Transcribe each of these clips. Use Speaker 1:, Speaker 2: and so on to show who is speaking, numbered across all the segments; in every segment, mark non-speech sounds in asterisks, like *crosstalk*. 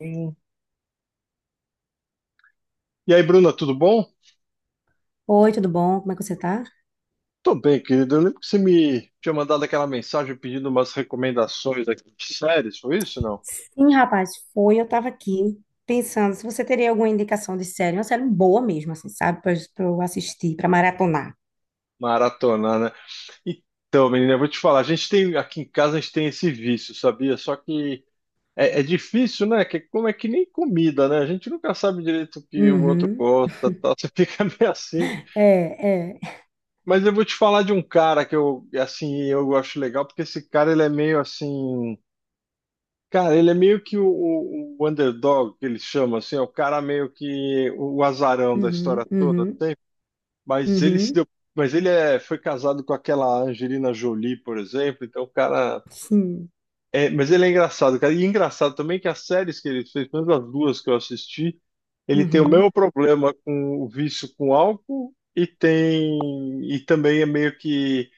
Speaker 1: Hum. E aí, Bruna, tudo bom?
Speaker 2: Oi, tudo bom? Como é que você tá?
Speaker 1: Tô bem, querido. Eu lembro que você me tinha mandado aquela mensagem pedindo umas recomendações aqui de séries, foi isso, não?
Speaker 2: Sim, rapaz, foi. Eu tava aqui pensando se você teria alguma indicação de série, uma série boa mesmo, assim, sabe? Pra eu assistir, pra maratonar.
Speaker 1: Maratona, né? Então, menina, eu vou te falar, a gente tem aqui em casa a gente tem esse vício, sabia? Só que é difícil, né? Que, como é que nem comida, né? A gente nunca sabe direito o que o outro
Speaker 2: Uhum.
Speaker 1: gosta, tal. Você *laughs* fica meio assim.
Speaker 2: É, é.
Speaker 1: Mas eu vou te falar de um cara que eu, assim, eu acho legal, porque esse cara, ele é meio assim. Cara, ele é meio que o, o underdog, que ele chama, assim, é o cara meio que o azarão da história
Speaker 2: Uhum,
Speaker 1: toda,
Speaker 2: uhum,
Speaker 1: assim. Mas ele se
Speaker 2: uhum.
Speaker 1: deu, mas ele foi casado com aquela Angelina Jolie, por exemplo, então o cara
Speaker 2: Sim.
Speaker 1: mas ele é engraçado, cara, e engraçado também que as séries que ele fez, pelo menos as duas que eu assisti, ele tem o mesmo
Speaker 2: Uhum.
Speaker 1: problema com o vício com álcool, e tem, e também é meio que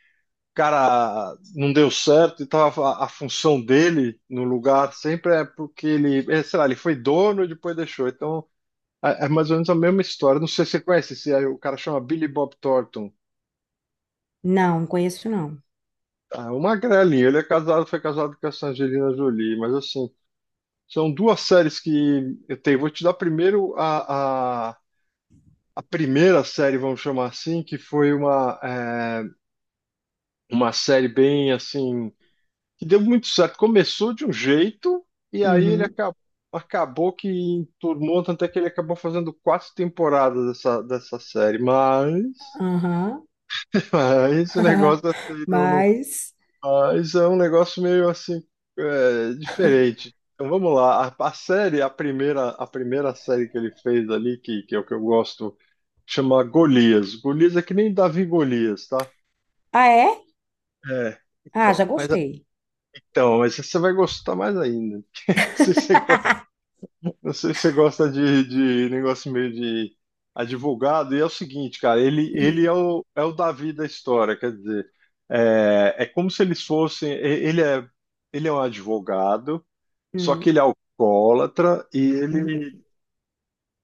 Speaker 1: cara não deu certo e tava a função dele no lugar sempre é porque ele, sei lá, ele foi dono e depois deixou. Então é mais ou menos a mesma história. Não sei se você conhece, se é- o cara chama Billy Bob Thornton.
Speaker 2: Não, conheço não.
Speaker 1: Ah, uma grelinha, foi casado com essa Angelina Jolie, mas assim, são duas séries que eu tenho. Vou te dar primeiro a primeira série, vamos chamar assim, que foi uma, uma série bem assim, que deu muito certo. Começou de um jeito e aí
Speaker 2: Uhum,
Speaker 1: acabou que enturmou, tanto é que ele acabou fazendo quatro temporadas dessa série, mas,
Speaker 2: aham.
Speaker 1: *laughs* mas esse negócio assim,
Speaker 2: *laughs* Mas.
Speaker 1: mas é um negócio meio assim, diferente. Então vamos lá, a série, a primeira série que ele fez ali, que é o que eu gosto, chama Golias. Golias é que nem Davi Golias, tá?
Speaker 2: Ah, é?
Speaker 1: É,
Speaker 2: Ah, já
Speaker 1: então, mas,
Speaker 2: gostei.
Speaker 1: então, mas você vai gostar mais ainda. *laughs* Se você...
Speaker 2: *laughs*
Speaker 1: Eu sei que você gosta de negócio meio de advogado, e é o seguinte, cara, ele
Speaker 2: Hum,
Speaker 1: é o, é o Davi da história, quer dizer, é como se eles fossem, ele é, ele é um advogado, só
Speaker 2: hum,
Speaker 1: que ele é alcoólatra,
Speaker 2: hum,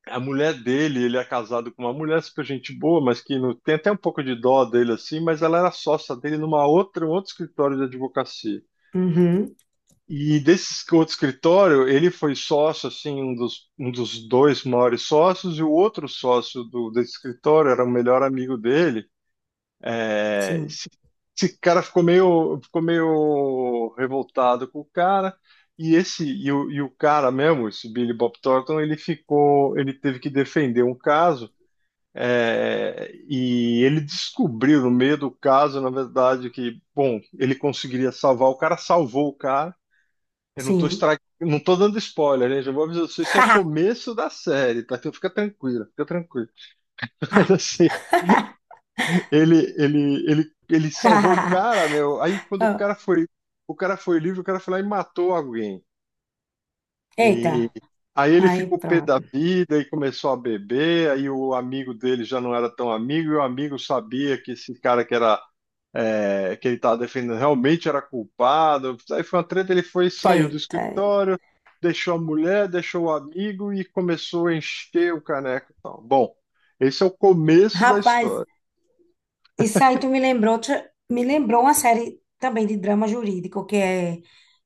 Speaker 1: a mulher dele. Ele é casado com uma mulher super gente boa, mas que não, tem até um pouco de dó dele, assim, mas ela era sócia dele numa outra, um outro escritório de advocacia.
Speaker 2: uhum.
Speaker 1: E desse outro escritório, ele foi sócio, assim, um dos dois maiores sócios, e o outro sócio desse escritório era o melhor amigo dele. É,
Speaker 2: Sim,
Speaker 1: esse, esse cara ficou meio revoltado com o cara, e o cara mesmo, esse Billy Bob Thornton, ele teve que defender um caso. É, e ele descobriu no meio do caso, na verdade, que, bom, ele conseguiria salvar o cara, salvou o cara, eu não tô
Speaker 2: sim.
Speaker 1: estra... não tô dando spoiler, né? Já vou avisar vocês, isso é o começo da série, tá? Então fica tranquilo, fica tranquilo. *laughs* Mas
Speaker 2: *laughs*
Speaker 1: assim, ele salvou o cara, meu. Aí quando
Speaker 2: *laughs*
Speaker 1: o cara foi livre, o cara foi lá e matou alguém.
Speaker 2: Eita,
Speaker 1: E aí ele
Speaker 2: aí
Speaker 1: ficou pé
Speaker 2: pronto.
Speaker 1: da vida e começou a beber. Aí o amigo dele já não era tão amigo, e o amigo sabia que esse cara que era é, que ele estava defendendo realmente era culpado. Aí foi uma treta, saiu do
Speaker 2: Eita.
Speaker 1: escritório, deixou a mulher, deixou o amigo e começou a encher o caneco e tal. Bom, esse é o começo da
Speaker 2: Rapaz,
Speaker 1: história.
Speaker 2: isso aí tu me lembrou, outra- me lembrou uma série também de drama jurídico,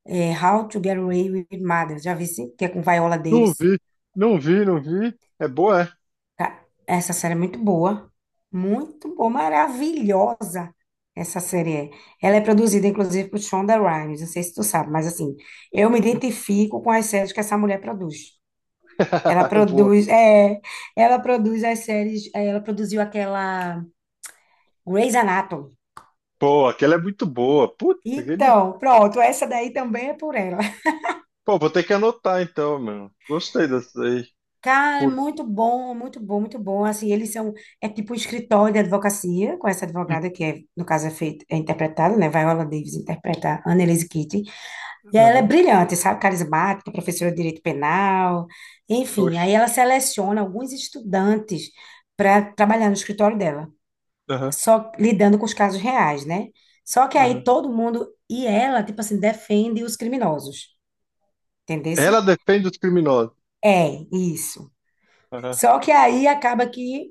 Speaker 2: é How to Get Away with Murder. Já vi, sim? Que é com Viola
Speaker 1: Não
Speaker 2: Davis.
Speaker 1: vi, não vi, não vi. É boa, é?
Speaker 2: Ca- Essa série é muito boa. Muito boa, maravilhosa. Essa série é. Ela é produzida, inclusive, por Shonda Rhimes. Não sei se tu sabe, mas assim, eu me identifico com as séries que essa mulher produz. Ela
Speaker 1: *laughs* Boa.
Speaker 2: produz, ela produz as séries, ela produziu aquela Grey's Anatomy.
Speaker 1: Pô, aquela é muito boa. Putz, aquele...
Speaker 2: Então, pronto, essa daí também é por ela.
Speaker 1: Pô, vou ter que anotar então, mano. Gostei dessa aí.
Speaker 2: Cara, é
Speaker 1: Por...
Speaker 2: muito bom, muito bom, muito bom. Assim, eles são, é tipo um escritório de advocacia, com essa advogada que, é, no caso, é feito é interpretada, né? Viola Davis interpreta a Annelise Keating. E ela é
Speaker 1: Aham,
Speaker 2: brilhante, sabe? Carismática, professora de direito penal. Enfim,
Speaker 1: oxe.
Speaker 2: aí ela seleciona alguns estudantes para trabalhar no escritório dela,
Speaker 1: Aham,
Speaker 2: só lidando com os casos reais, né? Só que aí
Speaker 1: aham.
Speaker 2: todo mundo, e ela, tipo assim, defende os criminosos, entendeu?
Speaker 1: Ela defende os criminosos.
Speaker 2: É, isso.
Speaker 1: Aham.
Speaker 2: Só que aí acaba que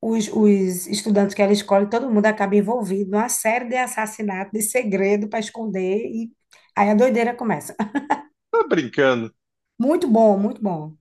Speaker 2: os estudantes que ela escolhe, todo mundo acaba envolvido numa série de assassinatos, de segredo para esconder, e aí a doideira começa. *laughs*
Speaker 1: Tá brincando.
Speaker 2: Muito bom, muito bom.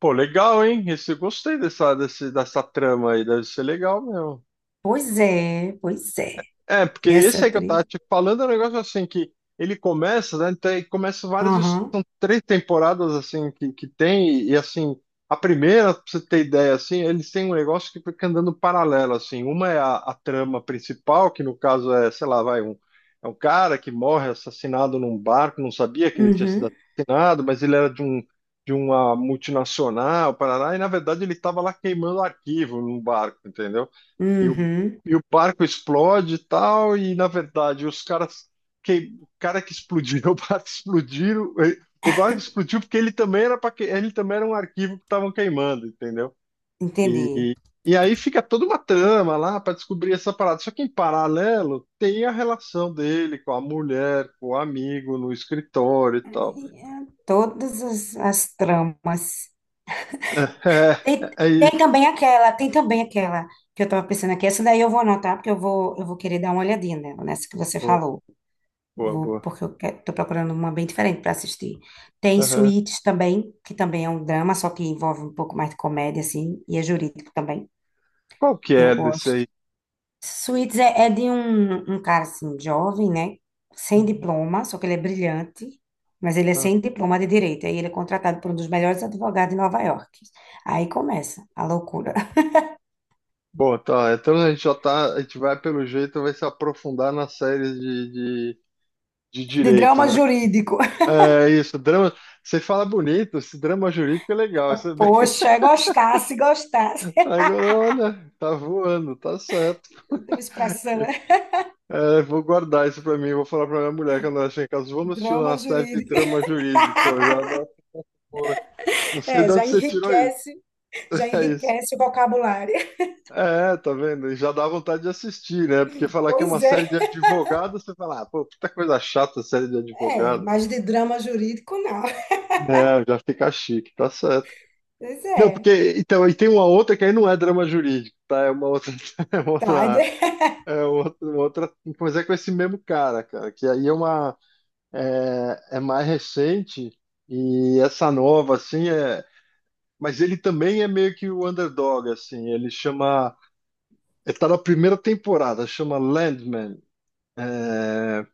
Speaker 1: Pô, legal, hein? Esse, eu gostei dessa, dessa trama aí, deve ser legal mesmo.
Speaker 2: Pois é, pois é.
Speaker 1: É, porque
Speaker 2: E essa
Speaker 1: esse aí que eu tava
Speaker 2: atriz.
Speaker 1: te falando é um negócio assim que ele começa, né? Então, ele começa várias,
Speaker 2: Aham,
Speaker 1: são três temporadas assim que tem, e assim, a primeira, pra você ter ideia, assim, eles têm um negócio que fica andando paralelo, assim. Uma é a trama principal, que no caso é, sei lá, vai, um, é um cara que morre assassinado num barco, não sabia que ele tinha sido
Speaker 2: uhum,
Speaker 1: assassinado, mas ele era de um. De uma multinacional, Paraná, e na verdade ele estava lá queimando arquivo num barco, entendeu? E o
Speaker 2: uhum,
Speaker 1: e o barco explode e tal, e na verdade os caras, que, o cara que explodiu, *laughs* o barco explodiu, o barco explodiu porque ele também era para ele também era um arquivo que estavam queimando, entendeu? E,
Speaker 2: entendi.
Speaker 1: e, e aí fica toda uma trama lá para descobrir essa parada. Só que em paralelo tem a relação dele com a mulher, com o amigo no escritório e tal.
Speaker 2: É, todas as, as tramas.
Speaker 1: *laughs* É,
Speaker 2: Tem,
Speaker 1: é, é isso.
Speaker 2: tem também aquela que eu estava pensando aqui. Essa daí eu vou anotar, porque eu vou querer dar uma olhadinha nela, nessa que você
Speaker 1: Boa,
Speaker 2: falou.
Speaker 1: boa,
Speaker 2: Vou,
Speaker 1: boa.
Speaker 2: porque eu quero, tô procurando uma bem diferente para assistir. Tem
Speaker 1: Aham.
Speaker 2: Suítes também, que também é um drama, só que envolve um pouco mais de comédia, assim, e é jurídico também.
Speaker 1: Qual que
Speaker 2: Eu
Speaker 1: é desse aí?
Speaker 2: gosto. Suítes é de um, um cara, assim, jovem, né? Sem
Speaker 1: Uhum.
Speaker 2: diploma, só que ele é brilhante, mas ele é sem diploma de direito. Aí ele é contratado por um dos melhores advogados de Nova York. Aí começa a loucura. *laughs*
Speaker 1: Bom, tá. Então a gente já tá. A gente vai, pelo jeito, vai se aprofundar nas séries de, de
Speaker 2: De
Speaker 1: direito,
Speaker 2: drama
Speaker 1: né?
Speaker 2: jurídico.
Speaker 1: É isso, drama. Você fala bonito, esse drama jurídico é legal. Isso
Speaker 2: *laughs*
Speaker 1: é bem...
Speaker 2: Poxa,
Speaker 1: *laughs*
Speaker 2: gostasse, gostasse.
Speaker 1: Agora, olha, tá voando, tá certo.
Speaker 2: *laughs* Tem uma expressão, né?
Speaker 1: É, vou guardar isso pra mim, vou falar pra minha mulher quando ela chegar em casa. Vamos assistir
Speaker 2: Drama
Speaker 1: uma série de
Speaker 2: jurídico.
Speaker 1: drama jurídico. Eu já não sei
Speaker 2: É,
Speaker 1: de onde você tirou isso.
Speaker 2: já
Speaker 1: *laughs* É isso.
Speaker 2: enriquece o vocabulário. *laughs*
Speaker 1: É, tá vendo? E já dá vontade de assistir, né? Porque falar que é uma
Speaker 2: Pois
Speaker 1: série de
Speaker 2: é,
Speaker 1: advogados, você fala, ah, pô, puta coisa chata série de
Speaker 2: é,
Speaker 1: advogado.
Speaker 2: mas de drama jurídico não.
Speaker 1: É, já fica chique, tá certo.
Speaker 2: Pois
Speaker 1: Não,
Speaker 2: é,
Speaker 1: porque, então, e tem uma outra que aí não é drama jurídico, tá? *laughs* É uma
Speaker 2: tá.
Speaker 1: outra,
Speaker 2: de-
Speaker 1: uma outra, mas é com esse mesmo cara, cara, que aí é uma, é mais recente, e essa nova, assim, é, mas ele também é meio que o underdog, assim, ele chama, ele tá na primeira temporada, chama Landman. É,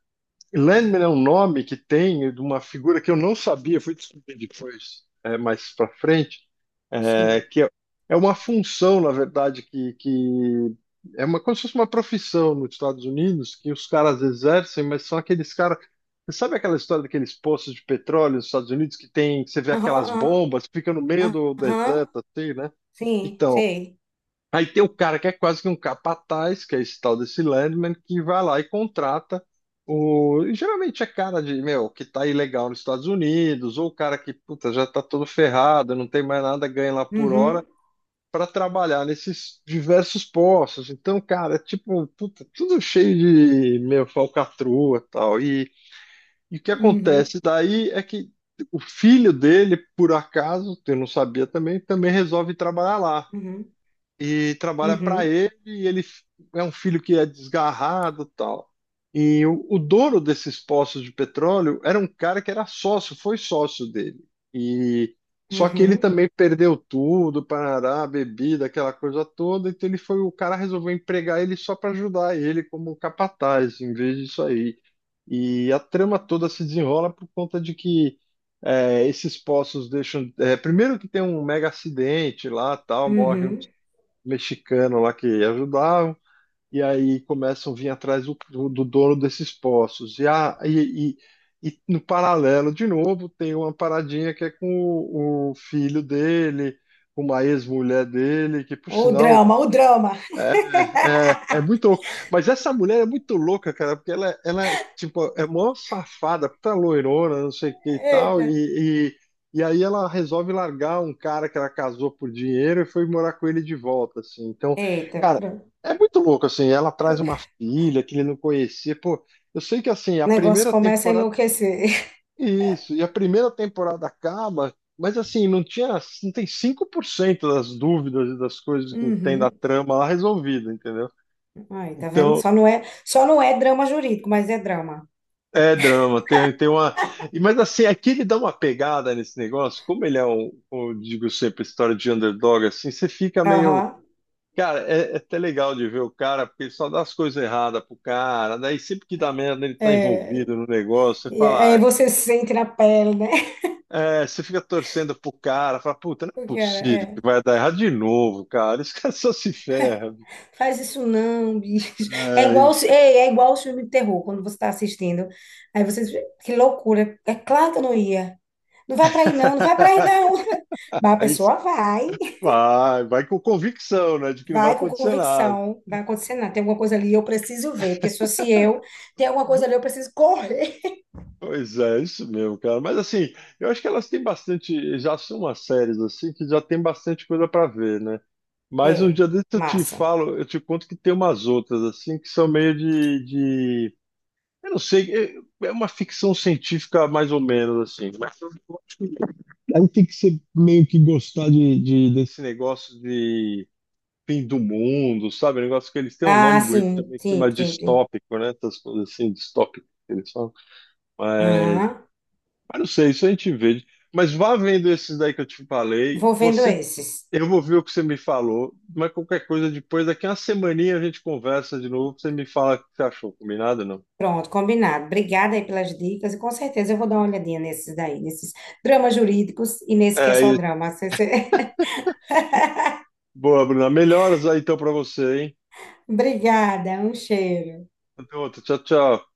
Speaker 1: Landman é um nome que tem de uma figura que eu não sabia, fui descobrir depois, mais para frente, é,
Speaker 2: Sim.
Speaker 1: que é, é uma função, na verdade, que é uma, como se fosse uma profissão nos Estados Unidos que os caras exercem, mas são aqueles caras. Você sabe aquela história daqueles poços de petróleo nos Estados Unidos que tem, que você vê aquelas
Speaker 2: Aham,
Speaker 1: bombas, fica no meio
Speaker 2: aham,
Speaker 1: do
Speaker 2: aham.
Speaker 1: deserto, assim, né?
Speaker 2: Sim,
Speaker 1: Então,
Speaker 2: sei.
Speaker 1: aí tem o cara que é quase que um capataz, que é esse tal desse Landman, que vai lá e contrata o. e geralmente é cara de, meu, que tá ilegal nos Estados Unidos, ou o cara que, puta, já tá todo ferrado, não tem mais nada, ganha lá por hora,
Speaker 2: Uhum,
Speaker 1: para trabalhar nesses diversos postos. Então, cara, é tipo, puta, tudo cheio de, meu, falcatrua e tal. E o que
Speaker 2: uhum,
Speaker 1: acontece daí é que o filho dele, por acaso, eu não sabia também, também resolve trabalhar lá
Speaker 2: uhum,
Speaker 1: e trabalha para
Speaker 2: uhum,
Speaker 1: ele, e ele é um filho que é desgarrado, tal. E o dono desses poços de petróleo era um cara que era sócio, foi sócio dele. E só que ele
Speaker 2: uhum,
Speaker 1: também perdeu tudo, parará, bebida, aquela coisa toda, então ele foi, o cara resolveu empregar ele só para ajudar ele como um capataz, em vez disso aí. E a trama toda se desenrola por conta de que esses poços deixam. Primeiro que tem um mega acidente lá, tal, morre um
Speaker 2: uhum.
Speaker 1: mexicano lá que ajudavam, e aí começam a vir atrás do dono desses poços. E no paralelo, de novo, tem uma paradinha que é com o filho dele, com uma ex-mulher dele, que por
Speaker 2: O
Speaker 1: sinal...
Speaker 2: drama, o drama.
Speaker 1: é, é muito louco. Mas essa mulher é muito louca, cara, porque ela tipo, é mó safada, puta loirona, não sei o que e tal,
Speaker 2: Eita,
Speaker 1: e aí ela resolve largar um cara que ela casou por dinheiro e foi morar com ele de volta, assim. Então,
Speaker 2: eita,
Speaker 1: cara,
Speaker 2: pronto.
Speaker 1: é muito louco, assim. Ela traz uma filha que ele não conhecia. Pô, eu sei que, assim, a
Speaker 2: O negócio
Speaker 1: primeira
Speaker 2: começa a
Speaker 1: temporada
Speaker 2: enlouquecer. *laughs*
Speaker 1: é isso, e a primeira temporada acaba, mas, assim, não tem 5% das dúvidas e das coisas que tem da
Speaker 2: Uhum.
Speaker 1: trama lá resolvida, entendeu?
Speaker 2: Aí, tá vendo?
Speaker 1: Então,
Speaker 2: Só não é drama jurídico, mas é drama.
Speaker 1: é drama, tem, tem uma. Mas assim, aqui ele dá uma pegada nesse negócio, como ele é um, digo sempre, história de underdog, assim, você fica meio.
Speaker 2: Aham.
Speaker 1: Cara, é até legal de ver o cara, porque ele só dá as coisas erradas pro cara, daí sempre que dá merda ele tá
Speaker 2: É,
Speaker 1: envolvido no negócio, você
Speaker 2: E é,
Speaker 1: fala,
Speaker 2: aí
Speaker 1: ah,
Speaker 2: você sente na pele, né? *laughs*
Speaker 1: é, você fica torcendo pro cara, fala, puta, não é
Speaker 2: O cara,
Speaker 1: possível que
Speaker 2: é.
Speaker 1: vai dar errado de novo, cara, esse cara *laughs* só se ferra.
Speaker 2: Faz isso não, bicho. É
Speaker 1: É,
Speaker 2: igual,
Speaker 1: isso.
Speaker 2: os- ei, é igual o filme de terror, quando você está assistindo. Aí você diz, que loucura. É claro que eu não ia. Não vai pra aí não, não vai pra aí
Speaker 1: *laughs*
Speaker 2: não. *laughs* Mas a
Speaker 1: Aí
Speaker 2: pessoa vai,
Speaker 1: vai com convicção, né, de que não vai
Speaker 2: vai com
Speaker 1: acontecer nada.
Speaker 2: convicção. Vai acontecer nada. Tem alguma coisa ali, eu preciso ver. Porque se fosse eu, tem alguma coisa ali, eu preciso correr. *laughs*
Speaker 1: Pois é, isso mesmo, cara. Mas assim, eu acho que elas têm bastante, já são umas séries assim que já tem bastante coisa pra ver, né? Mas um
Speaker 2: É,
Speaker 1: dia desse eu te
Speaker 2: massa.
Speaker 1: falo, eu te conto que tem umas outras assim que são meio de... eu não sei, é uma ficção científica mais ou menos assim. Mas eu acho que aí tem que ser meio que gostar desse negócio de fim do mundo, sabe? Um negócio que eles têm um
Speaker 2: Ah,
Speaker 1: nome bonito
Speaker 2: sim,
Speaker 1: também, que
Speaker 2: sim,
Speaker 1: chama
Speaker 2: sim, sim.
Speaker 1: distópico, né? Essas coisas assim, distópico, que eles falam.
Speaker 2: Aham.
Speaker 1: Mas não sei, isso a gente vê. Mas vá vendo esses daí que eu te falei.
Speaker 2: Vou vendo esses.
Speaker 1: Eu vou ver o que você me falou, mas qualquer coisa depois, daqui a uma semaninha a gente conversa de novo. Você me fala o que você achou, combinado ou não?
Speaker 2: Pronto, combinado. Obrigada aí pelas dicas e com certeza eu vou dar uma olhadinha nesses daí, nesses dramas jurídicos e nesse que é
Speaker 1: É,
Speaker 2: só
Speaker 1: e-
Speaker 2: drama. *laughs* Você- você-
Speaker 1: Boa, Bruna. Melhoras aí então pra você, hein?
Speaker 2: Obrigada, um cheiro.
Speaker 1: Até outra. Tchau, tchau.